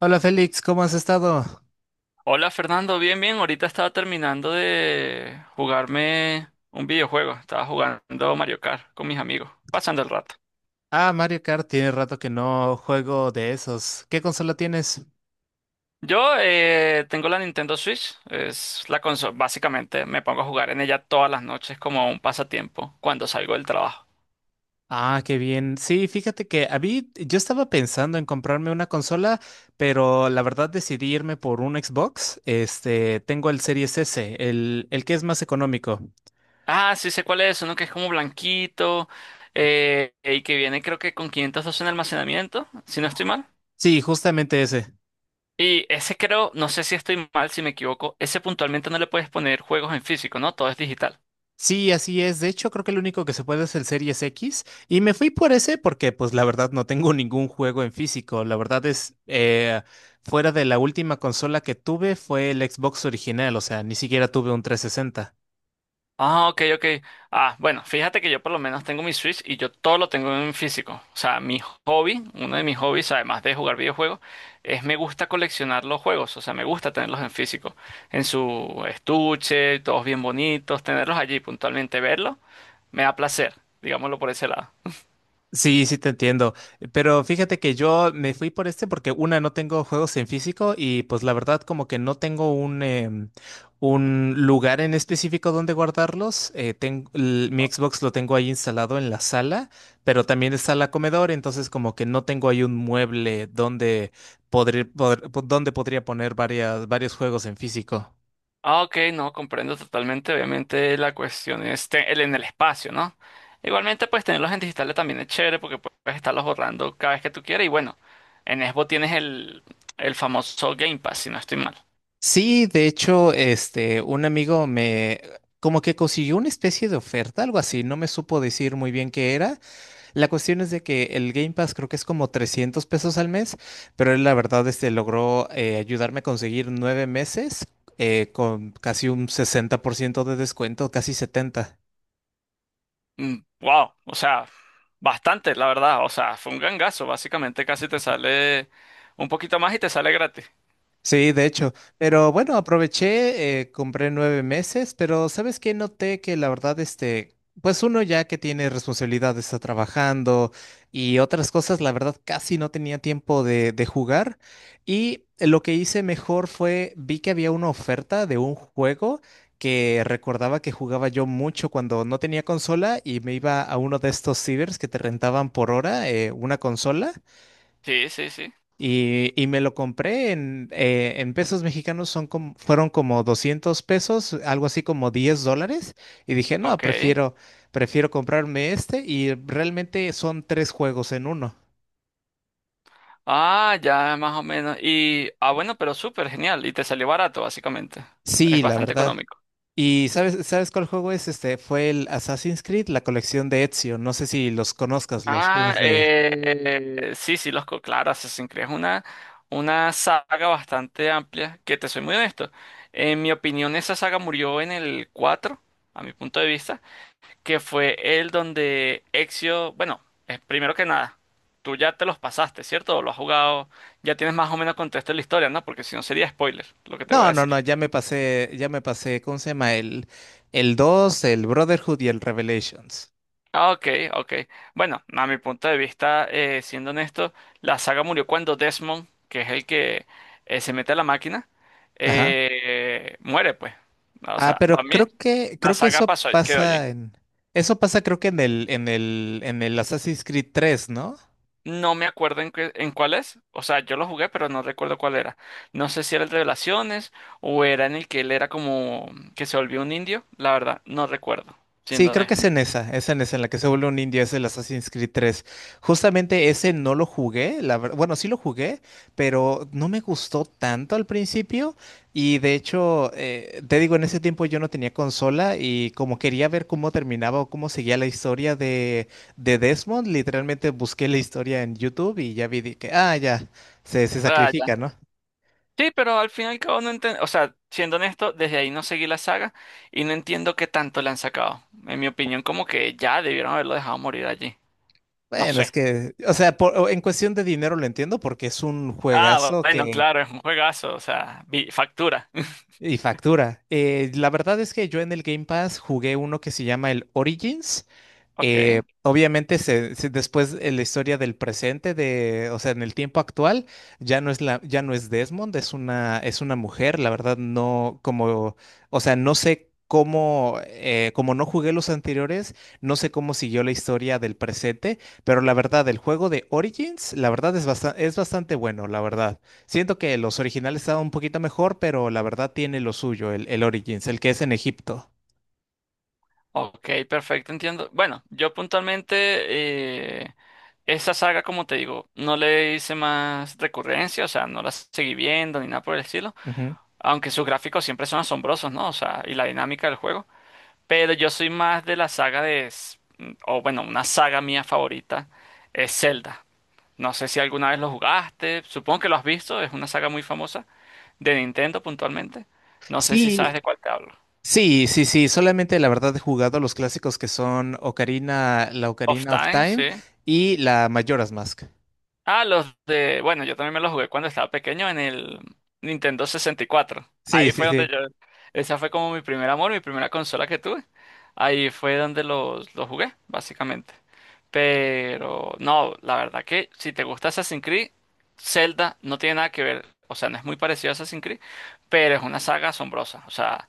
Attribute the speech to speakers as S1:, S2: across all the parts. S1: Hola Félix, ¿cómo has estado?
S2: Hola Fernando, bien, bien. Ahorita estaba terminando de jugarme un videojuego. Estaba jugando Mario Kart con mis amigos, pasando el rato.
S1: Ah, Mario Kart, tiene rato que no juego de esos. ¿Qué consola tienes?
S2: Yo tengo la Nintendo Switch, es la consola. Básicamente me pongo a jugar en ella todas las noches como un pasatiempo cuando salgo del trabajo.
S1: Ah, qué bien. Sí, fíjate que a mí, yo estaba pensando en comprarme una consola, pero la verdad decidí irme por un Xbox. Este, tengo el Series S, el que es más económico.
S2: Ah, sí sé cuál es, uno que es como blanquito y que viene creo que con 512 en almacenamiento, si no estoy mal.
S1: Sí, justamente ese.
S2: Y ese creo, no sé si estoy mal, si me equivoco, ese puntualmente no le puedes poner juegos en físico, ¿no? Todo es digital.
S1: Sí, así es. De hecho, creo que el único que se puede es el Series X. Y me fui por ese porque, pues, la verdad no tengo ningún juego en físico. La verdad es, fuera de la última consola que tuve fue el Xbox original. O sea, ni siquiera tuve un trescientos sesenta.
S2: Ah, ok, ok. Ah, bueno, fíjate que yo por lo menos tengo mi Switch y yo todo lo tengo en físico. O sea, mi hobby, uno de mis hobbies, además de jugar videojuegos, es me gusta coleccionar los juegos. O sea, me gusta tenerlos en físico, en su estuche, todos bien bonitos, tenerlos allí puntualmente, verlos, me da placer, digámoslo por ese lado.
S1: Sí, sí te entiendo. Pero fíjate que yo me fui por este porque una, no tengo juegos en físico y pues la verdad como que no tengo un, un lugar en específico donde guardarlos. Mi Xbox lo tengo ahí instalado en la sala, pero también está la comedor, entonces como que no tengo ahí un mueble donde donde podría poner varios juegos en físico.
S2: Ah, ok, no, comprendo totalmente. Obviamente la cuestión es el en el espacio, ¿no? Igualmente, pues tenerlos en digitales también es chévere porque puedes estarlos borrando cada vez que tú quieras. Y bueno, en Xbox tienes el famoso Game Pass, si no estoy mal.
S1: Sí, de hecho, este, un amigo me como que consiguió una especie de oferta, algo así, no me supo decir muy bien qué era. La cuestión es de que el Game Pass creo que es como 300 pesos al mes, pero él la verdad este logró ayudarme a conseguir nueve meses con casi un 60% de descuento, casi 70.
S2: Mm, wow, o sea, bastante, la verdad. O sea, fue un gangazo. Básicamente casi te sale un poquito más y te sale gratis.
S1: Sí, de hecho, pero bueno, aproveché, compré nueve meses, pero ¿sabes qué? Noté que la verdad, este, pues uno ya que tiene responsabilidades, está trabajando y otras cosas, la verdad casi no tenía tiempo de jugar y lo que hice mejor fue, vi que había una oferta de un juego que recordaba que jugaba yo mucho cuando no tenía consola y me iba a uno de estos cibers que te rentaban por hora, una consola.
S2: Sí, sí, sí.
S1: Y me lo compré en pesos mexicanos, son como, fueron como 200 pesos, algo así como 10 dólares. Y dije, no,
S2: Ok.
S1: prefiero comprarme este. Y realmente son tres juegos en uno.
S2: Ah, ya más o menos. Y, ah, bueno, pero súper genial. Y te salió barato, básicamente. Es
S1: Sí, la
S2: bastante
S1: verdad.
S2: económico.
S1: ¿Y sabes cuál juego es? Este fue el Assassin's Creed, la colección de Ezio. No sé si los conozcas, los
S2: Ah,
S1: juegos de.
S2: sí, sí, claro, Assassin's Creed es una saga bastante amplia, que te soy muy honesto. En mi opinión, esa saga murió en el 4, a mi punto de vista, que fue el donde Ezio, bueno, primero que nada, tú ya te los pasaste, ¿cierto? O lo has jugado, ya tienes más o menos contexto de la historia, ¿no? Porque si no sería spoiler lo que te voy a
S1: No, no,
S2: decir.
S1: no, ya me pasé, ¿cómo se llama? El 2, el Brotherhood y el Revelations.
S2: Ah, ok, ok. Bueno, a mi punto de vista, siendo honesto, la saga murió cuando Desmond, que es el que se mete a la máquina,
S1: Ajá.
S2: muere, pues. O
S1: Ah,
S2: sea, para
S1: pero
S2: mí, la
S1: creo que
S2: saga
S1: eso
S2: pasó, quedó allí.
S1: pasa en. Eso pasa creo que en en el Assassin's Creed 3, ¿no?
S2: No me acuerdo en, en cuál es. O sea, yo lo jugué, pero no recuerdo cuál era. No sé si era el de Revelaciones o era en el que él era como que se volvió un indio. La verdad, no recuerdo,
S1: Sí,
S2: siendo
S1: creo que
S2: honesto.
S1: es es en esa, en la que se vuelve un indio, es el Assassin's Creed 3. Justamente ese no lo jugué, la verdad, bueno, sí lo jugué, pero no me gustó tanto al principio y de hecho, te digo, en ese tiempo yo no tenía consola y como quería ver cómo terminaba o cómo seguía la historia de Desmond, literalmente busqué la historia en YouTube y ya vi de que, ah, ya, se
S2: Ah, ya.
S1: sacrifica, ¿no?
S2: Sí, pero al fin y al cabo no entiendo, o sea, siendo honesto, desde ahí no seguí la saga y no entiendo qué tanto le han sacado. En mi opinión, como que ya debieron haberlo dejado morir allí. No
S1: Bueno, es
S2: sé.
S1: que, o sea, por- en cuestión de dinero lo entiendo porque es un
S2: Ah,
S1: juegazo
S2: bueno,
S1: que
S2: claro, es un juegazo, o sea, factura.
S1: y factura. La verdad es que yo en el Game Pass jugué uno que se llama el Origins,
S2: Ok,
S1: obviamente, después la historia del presente, de, o sea, en el tiempo actual, ya no es ya no es Desmond, es es una mujer. La verdad, no, como, o sea, no sé cómo, como no jugué los anteriores, no sé cómo siguió la historia del presente, pero la verdad, el juego de Origins, la verdad es es bastante bueno, la verdad. Siento que los originales estaban un poquito mejor, pero la verdad tiene lo suyo, el Origins, el que es en Egipto.
S2: ok, perfecto, entiendo. Bueno, yo puntualmente, eh, esa saga, como te digo, no le hice más recurrencia, o sea, no la seguí viendo ni nada por el estilo,
S1: Ujú.
S2: aunque sus gráficos siempre son asombrosos, ¿no? O sea, y la dinámica del juego. Pero yo soy más de la saga o bueno, una saga mía favorita es Zelda. No sé si alguna vez lo jugaste, supongo que lo has visto, es una saga muy famosa de Nintendo puntualmente. No sé si sabes
S1: Sí,
S2: de cuál te hablo.
S1: Sí, sí, sí, solamente la verdad he jugado los clásicos que son la
S2: Of
S1: Ocarina of
S2: Time,
S1: Time
S2: sí.
S1: y la Majora's Mask.
S2: Ah, los de... Bueno, yo también me los jugué cuando estaba pequeño en el Nintendo 64.
S1: Sí,
S2: Ahí
S1: sí,
S2: fue donde
S1: sí.
S2: yo... Esa fue como mi primer amor, mi primera consola que tuve. Ahí fue donde los jugué, básicamente. Pero no, la verdad que si te gusta Assassin's Creed, Zelda no tiene nada que ver. O sea, no es muy parecido a Assassin's Creed, pero es una saga asombrosa. O sea,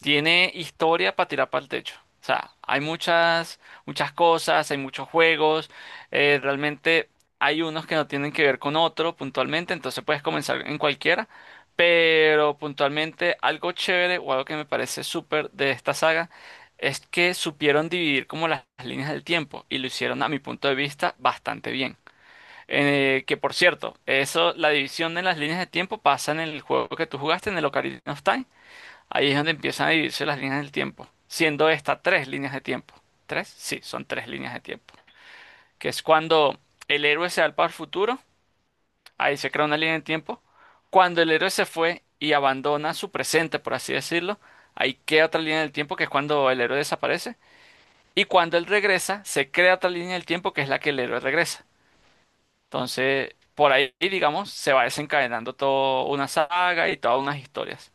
S2: tiene historia para tirar para el techo. O sea, hay muchas, muchas cosas, hay muchos juegos. Realmente hay unos que no tienen que ver con otro puntualmente, entonces puedes comenzar en cualquiera. Pero puntualmente algo chévere o algo que me parece súper de esta saga es que supieron dividir como las líneas del tiempo y lo hicieron a mi punto de vista bastante bien. Que por cierto, eso, la división de las líneas de tiempo pasa en el juego que tú jugaste, en el Ocarina of Time. Ahí es donde empiezan a dividirse las líneas del tiempo, siendo estas tres líneas de tiempo. ¿Tres? Sí, son tres líneas de tiempo. Que es cuando el héroe se va al futuro, ahí se crea una línea de tiempo. Cuando el héroe se fue y abandona su presente, por así decirlo, ahí queda otra línea del tiempo, que es cuando el héroe desaparece. Y cuando él regresa, se crea otra línea del tiempo, que es la que el héroe regresa. Entonces, por ahí, digamos, se va desencadenando toda una saga y todas unas historias.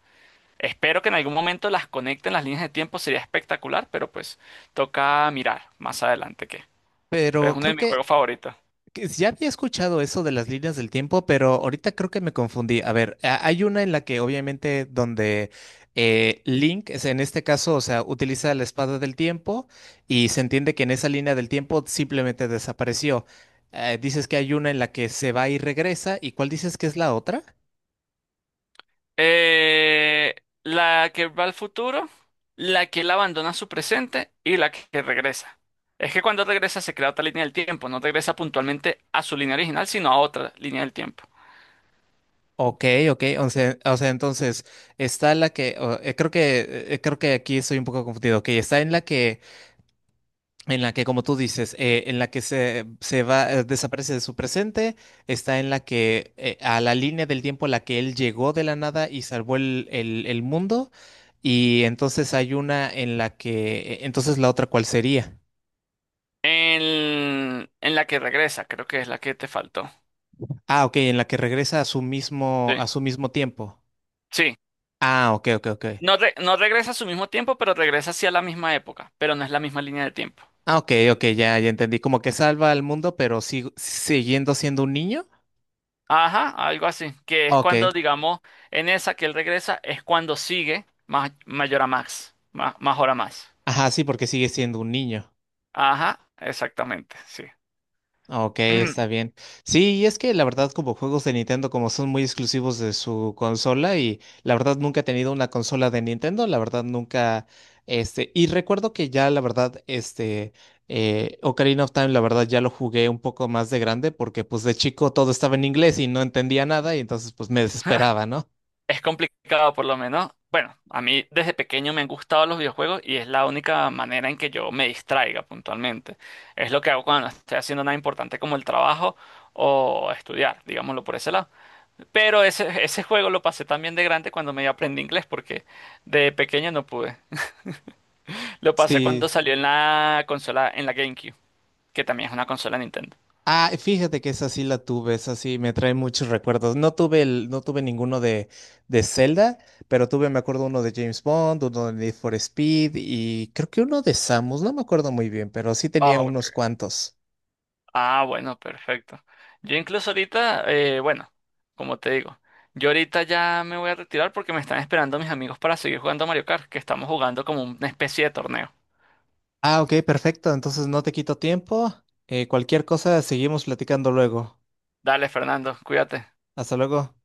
S2: Espero que en algún momento las conecten las líneas de tiempo, sería espectacular, pero pues toca mirar más adelante qué. Pero
S1: Pero
S2: es uno de mis juegos favoritos.
S1: que ya había escuchado eso de las líneas del tiempo, pero ahorita creo que me confundí. A ver, a- hay una en la que obviamente donde Link, es- en este caso, o sea, utiliza la espada del tiempo y se entiende que en esa línea del tiempo simplemente desapareció. Dices que hay una en la que se va y regresa, ¿y cuál dices que es la otra?
S2: Eh, la que va al futuro, la que él abandona su presente y la que regresa. Es que cuando regresa se crea otra línea del tiempo, no regresa puntualmente a su línea original, sino a otra línea del tiempo.
S1: Ok, ok, o sea, entonces está la que o- creo que creo que aquí estoy un poco confundido. Ok, está en la que como tú dices, en la que se va desaparece de su presente, está en la que a la línea del tiempo a la que él llegó de la nada y salvó el mundo y entonces hay una en la que entonces la otra ¿cuál sería?
S2: En la que regresa, creo que es la que te faltó.
S1: Ah, ok, en la que regresa
S2: Sí.
S1: a su mismo tiempo.
S2: Sí.
S1: Ah, ok, ok, ok.
S2: No regresa a su mismo tiempo, pero regresa hacia la misma época, pero no es la misma línea de tiempo.
S1: Ah, ok, ok, ya entendí. Como que salva al mundo, pero siguiendo siendo un niño.
S2: Ajá, algo así, que es
S1: Ok.
S2: cuando, digamos, en esa que él regresa, es cuando sigue mayor a Max, más hora más.
S1: Ajá, sí, porque sigue siendo un niño.
S2: Ajá, exactamente, sí.
S1: Ok, está bien. Sí, y es que la verdad, como juegos de Nintendo, como son muy exclusivos de su consola, y la verdad nunca he tenido una consola de Nintendo, la verdad nunca, y recuerdo que ya, la verdad, Ocarina of Time, la verdad, ya lo jugué un poco más de grande, porque pues de chico todo estaba en inglés y no entendía nada, y entonces pues me desesperaba, ¿no?
S2: Es complicado por lo menos. Bueno, a mí desde pequeño me han gustado los videojuegos y es la única manera en que yo me distraiga puntualmente. Es lo que hago cuando no estoy haciendo nada importante como el trabajo o estudiar, digámoslo por ese lado. Pero ese juego lo pasé también de grande cuando me aprendí inglés porque de pequeño no pude. Lo pasé cuando
S1: Sí.
S2: salió en la consola, en la GameCube, que también es una consola Nintendo.
S1: Ah, fíjate que esa sí la tuve, esa sí me trae muchos recuerdos. No tuve no tuve ninguno de Zelda, pero tuve, me acuerdo, uno de James Bond, uno de Need for Speed y creo que uno de Samus, no me acuerdo muy bien, pero sí
S2: Ah,
S1: tenía unos
S2: ok.
S1: cuantos.
S2: Ah, bueno, perfecto. Yo incluso ahorita, bueno, como te digo, yo ahorita ya me voy a retirar porque me están esperando mis amigos para seguir jugando a Mario Kart, que estamos jugando como una especie de torneo.
S1: Ah, ok, perfecto. Entonces no te quito tiempo. Cualquier cosa, seguimos platicando luego.
S2: Dale, Fernando, cuídate.
S1: Hasta luego.